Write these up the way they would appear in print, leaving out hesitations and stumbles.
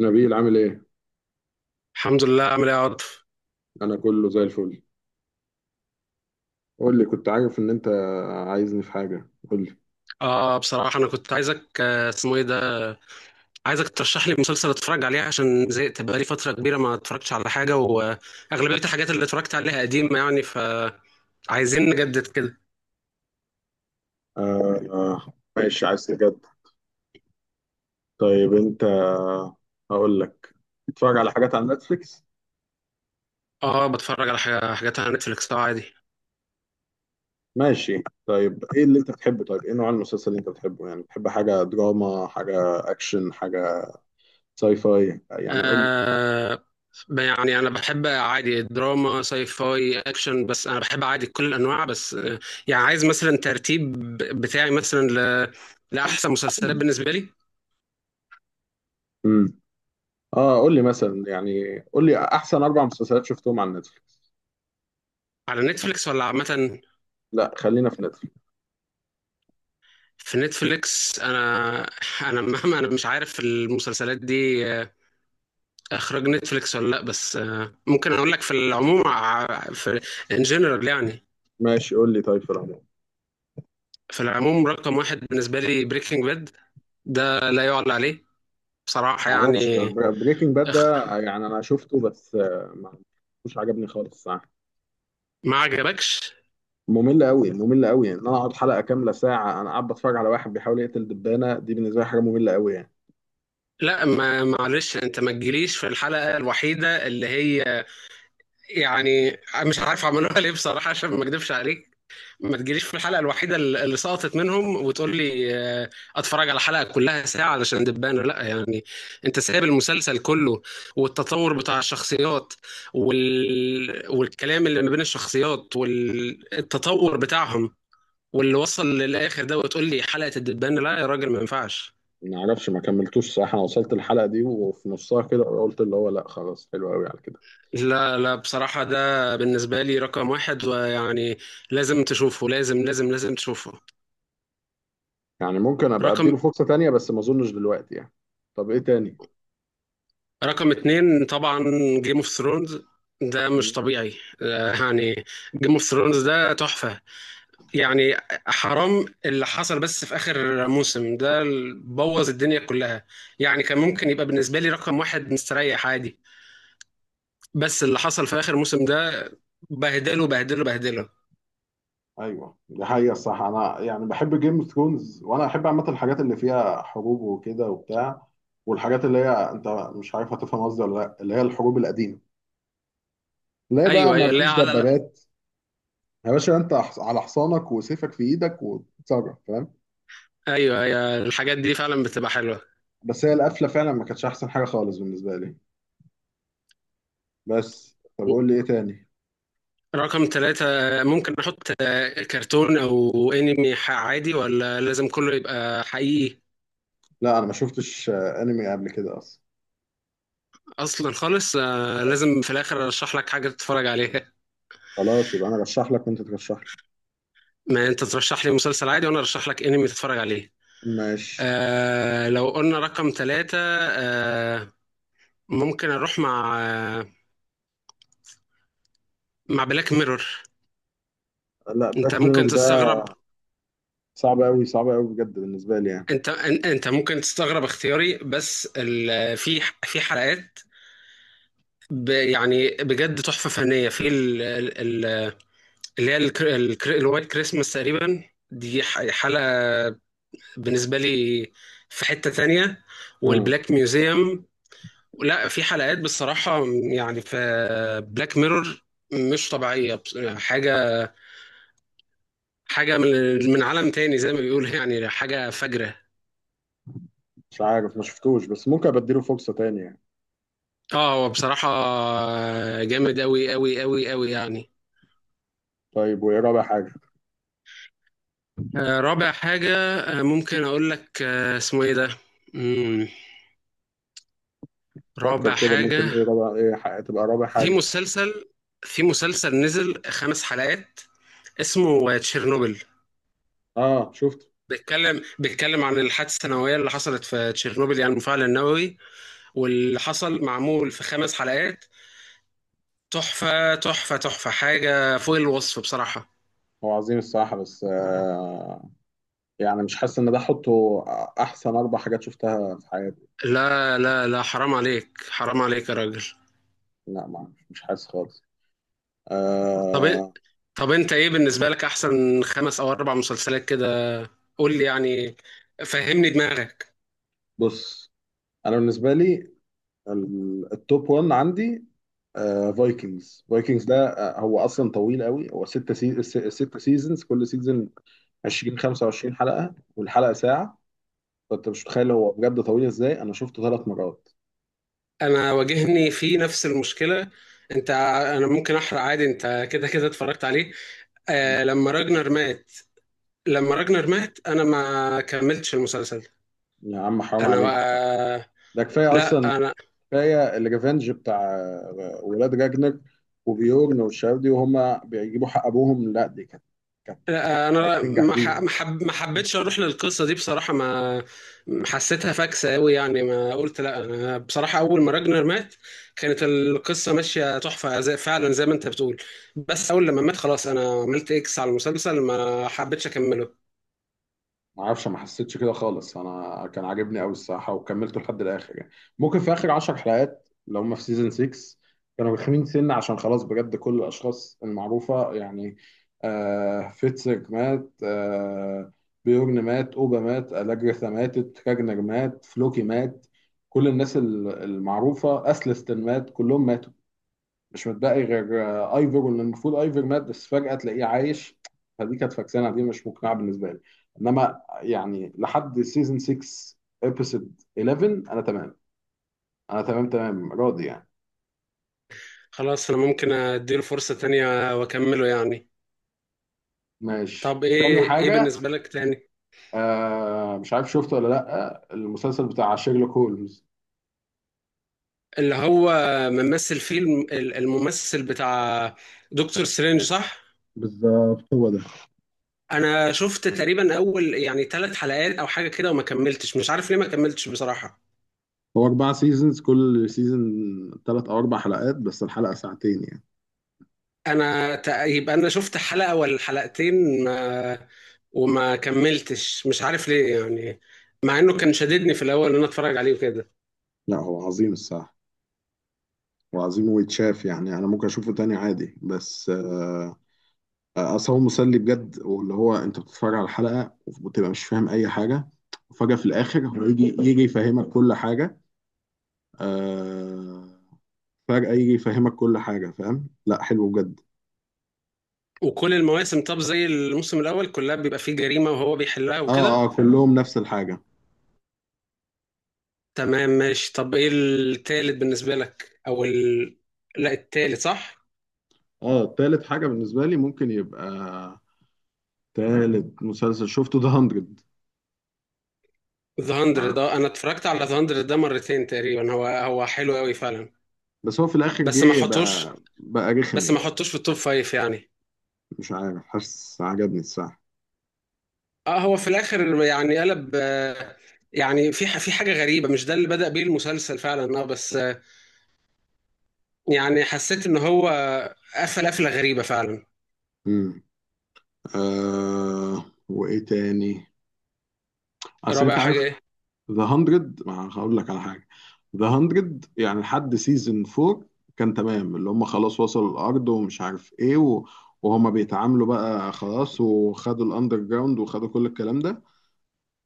نبيل عامل ايه؟ الحمد لله عامل ايه يا عاطف؟ انا كله زي الفل. قول لي، كنت عارف ان انت عايزني في حاجة؟ قول لي. اه، بصراحة أنا كنت عايزك اسمه ايه ده، عايزك ترشح لي مسلسل اتفرج عليه عشان زهقت بقالي فترة كبيرة ما اتفرجتش على حاجة، وأغلبية الحاجات اللي اتفرجت عليها قديمة يعني، فعايزين نجدد كده. ماشي، عايز تجد. طيب انت، هقول لك، بتتفرج على حاجات على نتفليكس؟ اه بتفرج على حاجات على نتفليكس اه عادي. ماشي، طيب ايه اللي انت بتحبه؟ طيب ايه نوع المسلسل اللي انت بتحبه؟ يعني بتحب حاجة دراما، حاجة اكشن، حاجة ساي فاي؟ يعني قول لي. آه، يعني أنا بحب عادي دراما ساي فاي أكشن، بس أنا بحب عادي كل الأنواع، بس يعني عايز مثلا ترتيب بتاعي مثلا لأحسن مسلسلات بالنسبة لي. امم اه قول لي مثلا، يعني قول لي احسن اربع مسلسلات شفتهم على نتفليكس. على نتفليكس ولا عامة؟ لا خلينا في نتفليكس. في نتفليكس، انا مهما، انا مش عارف المسلسلات دي اخراج نتفليكس ولا لا، بس ممكن اقول لك في العموم في ان جنرال يعني. ماشي قول لي، طيب في العموم. في العموم رقم واحد بالنسبه لي بريكنج باد، ده لا يعلى عليه بصراحه معرفش يعني. بريكنج باد أخ... ده، يعني انا شفته بس آه، ما مش عجبني خالص، صح. ما عجبكش؟ ممل قوي ممل قوي، يعني ان انا اقعد حلقه كامله ساعه انا قاعد بتفرج على واحد بيحاول يقتل دبانه، دي بالنسبه لي حاجه ممله قوي يعني. لا، ما معلش، انت ما تجيليش في الحلقه الوحيده اللي هي، يعني مش عارف عملوها ليه بصراحه، عشان ما اكدبش عليك، ما تجيليش في الحلقة الوحيدة اللي سقطت منهم وتقول لي آه، اتفرج على حلقة كلها ساعة علشان دبانة، لا يعني، انت سايب المسلسل كله والتطور بتاع الشخصيات والكلام اللي ما بين الشخصيات والتطور بتاعهم واللي وصل للآخر ده، وتقول لي حلقة الدبانة؟ لا يا راجل ما ينفعش. ما اعرفش ما كملتوش، صح، انا وصلت الحلقه دي وفي نصها كده قلت اللي هو لا، خلاص حلو قوي على كده. لا لا بصراحة ده بالنسبة لي رقم واحد ويعني لازم تشوفه، لازم لازم لازم تشوفه. يعني ممكن ابقى رقم اديله فرصه تانية بس ما اظنش دلوقتي يعني. طب ايه تاني؟ رقم اتنين طبعا جيم اوف ثرونز، ده مش طبيعي، يعني جيم اوف ثرونز ده تحفة يعني، حرام اللي حصل بس في آخر موسم ده، بوظ الدنيا كلها يعني. كان ممكن يبقى بالنسبة لي رقم واحد مستريح عادي، بس اللي حصل في آخر موسم ده بهدله بهدله بهدله. ايوه، دي حقيقة. الصح انا يعني بحب جيم اوف ثرونز، وانا احب عامة الحاجات اللي فيها حروب وكده وبتاع، والحاجات اللي هي انت مش عارف هتفهم قصدي ولا لا، اللي هي الحروب القديمة، اللي هي بقى أيوه ما أيوه، لا فيش على لا. دبابات. يا باشا انت على حصانك وسيفك في ايدك وتتصرف، فاهم. أيوه أيوه، الحاجات دي فعلا بتبقى حلوة. بس هي القفلة فعلا ما كانتش احسن حاجة خالص بالنسبة لي. بس طب قول لي ايه تاني. رقم ثلاثة، ممكن أحط كرتون أو أنمي عادي، ولا لازم كله يبقى حقيقي؟ لا انا ما شفتش انمي قبل كده اصلا. اصلا خالص لازم في الاخر ارشح لك حاجه تتفرج عليها، خلاص يبقى انا رشح لك وانت ترشح لي. ما انت ترشح لي مسلسل عادي وانا ارشح لك انمي تتفرج عليه. ماشي. آه لو قلنا رقم ثلاثة، آه ممكن اروح مع مع بلاك ميرور. لا انت بلاك ميرور ممكن ده تستغرب، صعب قوي صعب قوي بجد بالنسبة لي. انت ممكن تستغرب اختياري، بس في حلقات، يعني بجد تحفه فنيه في ال- اللي هي الوايت كريسماس تقريبا، دي حلقه بالنسبة لي في حتة تانية، يعني والبلاك ميوزيوم. لا في حلقات بصراحة يعني، في بلاك ميرور مش طبيعية، حاجة، حاجة من عالم تاني زي ما بيقولوا يعني، حاجة فجرة. مش عارف ما شفتوش بس ممكن ابديله فرصة تانية يعني. اه هو بصراحة جامد أوي أوي أوي أوي يعني. طيب وايه رابع حاجة؟ رابع حاجة، ممكن أقول لك اسمه إيه ده؟ مم، فكر رابع كده، ممكن حاجة، ايه رابع، ايه تبقى رابع في حاجة. مسلسل، في مسلسل نزل خمس حلقات اسمه تشيرنوبل، اه شفت. بيتكلم عن الحادثه النوويه اللي حصلت في تشيرنوبيل يعني، المفاعل النووي واللي حصل معمول في خمس حلقات، تحفه تحفه تحفه، حاجه فوق الوصف بصراحه. هو عظيم الصراحة بس يعني مش حاسس ان ده احطه احسن اربع حاجات شفتها في حياتي. لا لا لا، حرام عليك، حرام عليك يا راجل. لا ما مش حاسس خالص. طب إ- آه. طب انت ايه بالنسبه لك احسن خمس او اربع مسلسلات كده؟ قول لي يعني، فهمني دماغك. بص، انا بالنسبة لي التوب 1 عندي فايكنجز ده هو اصلا طويل قوي. هو ست سيزونز، كل سيزون 20 25 حلقة، والحلقة ساعة. فانت مش متخيل هو بجد طويل ازاي، انا شفته ثلاث مرات. انا واجهني في نفس المشكله، انت، انا ممكن احرق عادي، انت كده كده اتفرجت عليه. مم. آه لما راجنر مات، لما راجنر مات انا ما كملتش المسلسل. يا عم حرام انا عليك بقى. بقى... ده كفايه اصلا، لا انا، كفايه الريفنج بتاع ولاد راجنر وبيورن والشباب دي وهم بيجيبوا حق ابوهم، لا دي كانت لا لا انا تنجح ما دي. ح- ما حب... ما حبيتش اروح للقصه دي بصراحه، ما حسيتها فاكسه قوي يعني، ما قلت لا، انا بصراحه اول ما راجنر مات كانت القصه ماشيه تحفه فعلا زي ما انت بتقول، بس اول لما مات خلاص انا عملت اكس على المسلسل، ما حبيتش اكمله. ما اعرفش، ما حسيتش كده خالص، انا كان عاجبني قوي الصراحه وكملته لحد الاخر يعني. ممكن في اخر 10 حلقات لو هم في سيزون 6 كانوا رخمين سنه، عشان خلاص بجد كل الاشخاص المعروفه يعني. آه فيتسك مات، آه، بيورن مات، اوبا مات، الاجريثا ماتت، كاجنر مات، فلوكي مات، كل الناس المعروفه، اسلستن مات، كلهم ماتوا. مش متبقي غير ايفر، واللي المفروض ايفر مات بس فجأة تلاقيه عايش. فدي كانت فاكسانة، دي مش مقنعة بالنسبة لي. انما يعني لحد سيزون 6 ابيسود 11 انا تمام انا تمام تمام راضي يعني. خلاص انا ممكن اديله فرصه تانية واكمله يعني. ماشي، طب تاني ايه، ايه حاجة. بالنسبه لك تاني؟ آه مش عارف شفته ولا لأ المسلسل بتاع شيرلوك هولمز. اللي هو ممثل فيلم، الممثل بتاع دكتور سترينج، صح؟ بالظبط هو ده. انا شفت تقريبا اول، يعني ثلاث حلقات او حاجه كده، وما كملتش، مش عارف ليه ما كملتش بصراحه. هو أربع سيزونز، كل سيزون تلات أو أربع حلقات بس الحلقة ساعتين يعني. يبقى انا شفت حلقه ولا حلقتين، ما وما كملتش، مش عارف ليه يعني، مع انه كان شددني في الاول ان انا اتفرج عليه وكده. لا هو عظيم الصراحة وعظيم ويتشاف يعني، أنا ممكن أشوفه تاني عادي. بس اصل هو مسلي بجد، واللي هو انت بتتفرج على الحلقه وبتبقى مش فاهم اي حاجه وفجاه في الاخر هو يجي يفهمك كل حاجه. آه فجاه يجي يفهمك كل حاجه، فاهم، لا حلو بجد. وكل المواسم، طب زي الموسم الاول، كلها بيبقى فيه جريمه وهو بيحلها اه وكده؟ اه كلهم نفس الحاجه. تمام ماشي. طب ايه التالت بالنسبه لك، او لا التالت صح. اه تالت حاجه بالنسبه لي ممكن يبقى تالت مسلسل شفته ده 100. ذا 100، مع- ده انا اتفرجت على ذا 100 ده مرتين تقريبا، هو هو حلو قوي فعلا، بس هو في الاخر بس ما جه احطوش بقى رخم بس ما يعني. احطوش في التوب فايف يعني. مش عارف، حاسس عجبني الصراحه. اه هو في الاخر يعني قلب، يعني في في حاجه غريبه، مش ده اللي بدأ بيه المسلسل فعلا، اه بس يعني حسيت ان هو قفل قفله غريبه فعلا. امم. آه وايه تاني. اصل رابع انت حاجه عارف ايه؟ ذا 100، ما هقول لك على حاجه. ذا 100 يعني لحد سيزون 4 كان تمام، اللي هم خلاص وصلوا الارض ومش عارف ايه و... وهما بيتعاملوا بقى خلاص وخدوا الاندر جراوند وخدوا كل الكلام ده.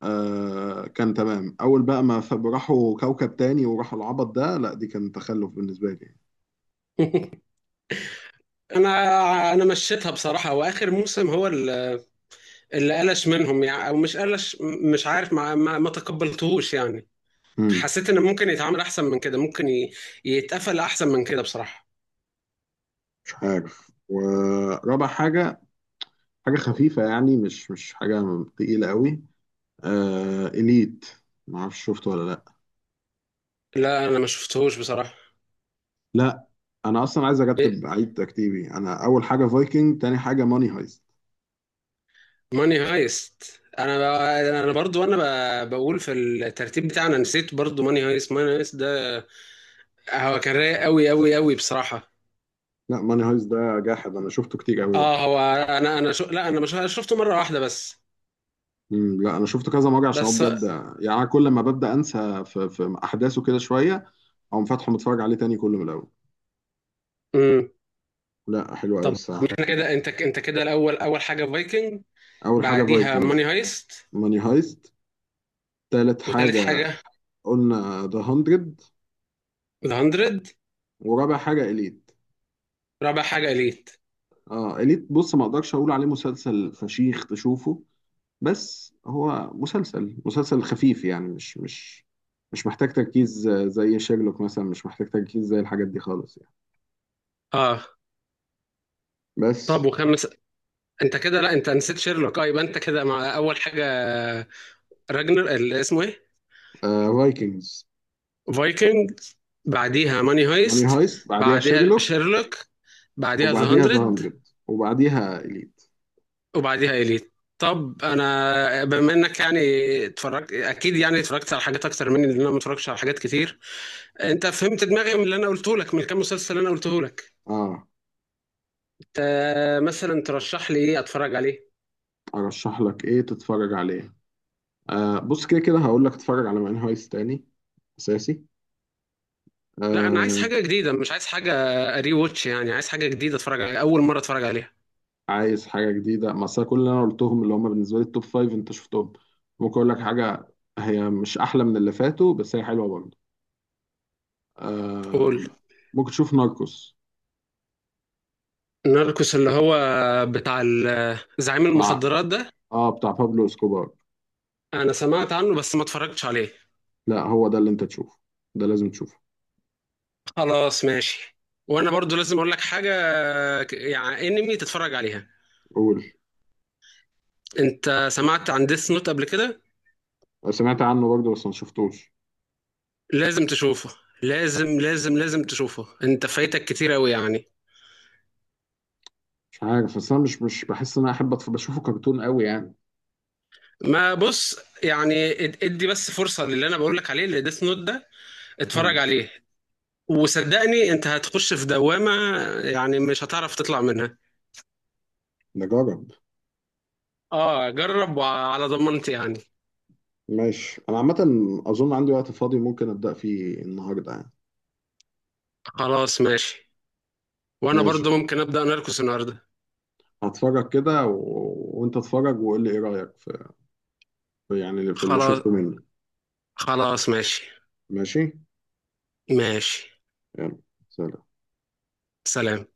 آه كان تمام، اول بقى ما ف- راحوا كوكب تاني وراحوا العبط ده، لا دي كان تخلف بالنسبه لي. انا، انا مشيتها بصراحه، واخر موسم هو اللي قلش منهم يعني، او مش قلش، مش عارف، ما تقبلتهوش يعني. امم. حسيت ان ممكن يتعامل احسن من كده، ممكن يتقفل احسن من كده بصراحه. مش عارف. ورابع حاجه، حاجه خفيفه يعني، مش حاجه تقيله قوي، آه اليت. ما اعرفش شفته ولا لا. لا انا ما شفتهوش بصراحه. لا انا اصلا عايز إيه، ارتب، عيد ترتيبي: انا اول حاجه فايكنج، تاني حاجه ماني هايست. ماني هايست، انا برضو، بقول في الترتيب بتاعنا، نسيت برضو ماني هايست، ماني هايست ده هو كان رايق قوي قوي قوي بصراحه. لا ماني هايست ده جاحد، انا شفته كتير قوي بقى. اه هو، لا انا مش شفته مره واحده بس، مم، لا انا شفته كذا مره عشان هو بس. بجد يعني. أنا كل ما ببدا انسى في احداثه كده شويه، اقوم فاتحه متفرج عليه تاني كله من الاول. امم، لا حلو قوي طب الصراحه. احنا كده، انت كده الاول، اول حاجه فايكنج، اول حاجه بعديها ماني فايكنجز، هايست، ماني هايست، تالت وتالت حاجه حاجه قلنا ذا 100، ذا 100، ورابع حاجه اليت. رابع حاجه اليت. اه اليت، بص، ما اقدرش اقول عليه مسلسل فشيخ تشوفه، بس هو مسلسل مسلسل خفيف يعني، مش محتاج تركيز زي شيرلوك مثلا، مش محتاج تركيز زي الحاجات دي خالص يعني. اه طب بس وخامس؟ انت كده، لا انت نسيت شيرلوك. اه يبقى انت كده مع اول حاجه راجنر، اسمه ايه، فايكنجز، فايكنج، بعديها ماني ماني هايست، هايست، بعديها بعديها شيرلوك، شيرلوك، بعديها ذا وبعديها ذا هاندرد، 100، وبعديها إليت. وبعديها اليت. طب انا بما انك يعني اتفرجت اكيد يعني، اتفرجت على حاجات اكتر مني، لان انا ما اتفرجتش على حاجات كتير، انت فهمت دماغي من اللي انا قلته لك، من كام مسلسل اللي انا قلته لك، اه انت مثلا ترشح لي ايه اتفرج عليه؟ ارشح لك ايه تتفرج عليه. بص كده كده هقول لك تتفرج على ماني هايست تاني اساسي. لا انا عايز آه حاجه جديده، مش عايز حاجه ري ووتش يعني، عايز حاجه جديده اتفرج عليها اول مره اتفرج عليها. عايز حاجه جديده؟ ما أصل كل اللي انا قلتهم اللي هم بالنسبه لي التوب فايف انت شفتهم. ممكن اقول لك حاجه، هي مش احلى من اللي فاتوا بس هي حلوه برضه. آه. قول. ممكن تشوف ناركوس. ناركوس، اللي هو بتاع زعيم بتاع، المخدرات ده؟ اه بتاع بابلو اسكوبار. انا سمعت عنه بس ما اتفرجتش عليه. لا هو ده اللي انت تشوفه، ده لازم تشوفه. خلاص ماشي، وانا برضو لازم اقول لك حاجه، يعني انمي تتفرج عليها، قول. انت سمعت عن ديس نوت قبل كده؟ أنا سمعت عنه برضه بس ما شفتوش. لازم تشوفه، لازم لازم لازم تشوفه، انت فايتك كتير قوي يعني. مش عارف بس انا مش بحس ان انا احب بشوفه كرتون قوي يعني. ما بص يعني، ادي بس فرصه للي انا بقول لك عليه، اللي ديس نوت ده، اتفرج مم. عليه، وصدقني انت هتخش في دوامه يعني، مش هتعرف تطلع منها. نجرب. اه جرب، وعلى ضمانتي يعني. ماشي انا عامه اظن عندي وقت فاضي ممكن ابدا فيه النهارده يعني. خلاص ماشي، وانا ماشي. برضو ممكن ابدا نركس النهارده. هتفرج كده و... وانت اتفرج وقول لي ايه رايك يعني في اللي خلاص، شفته منه. خلاص ماشي. ماشي. ماشي. يلا. سلام. سلام.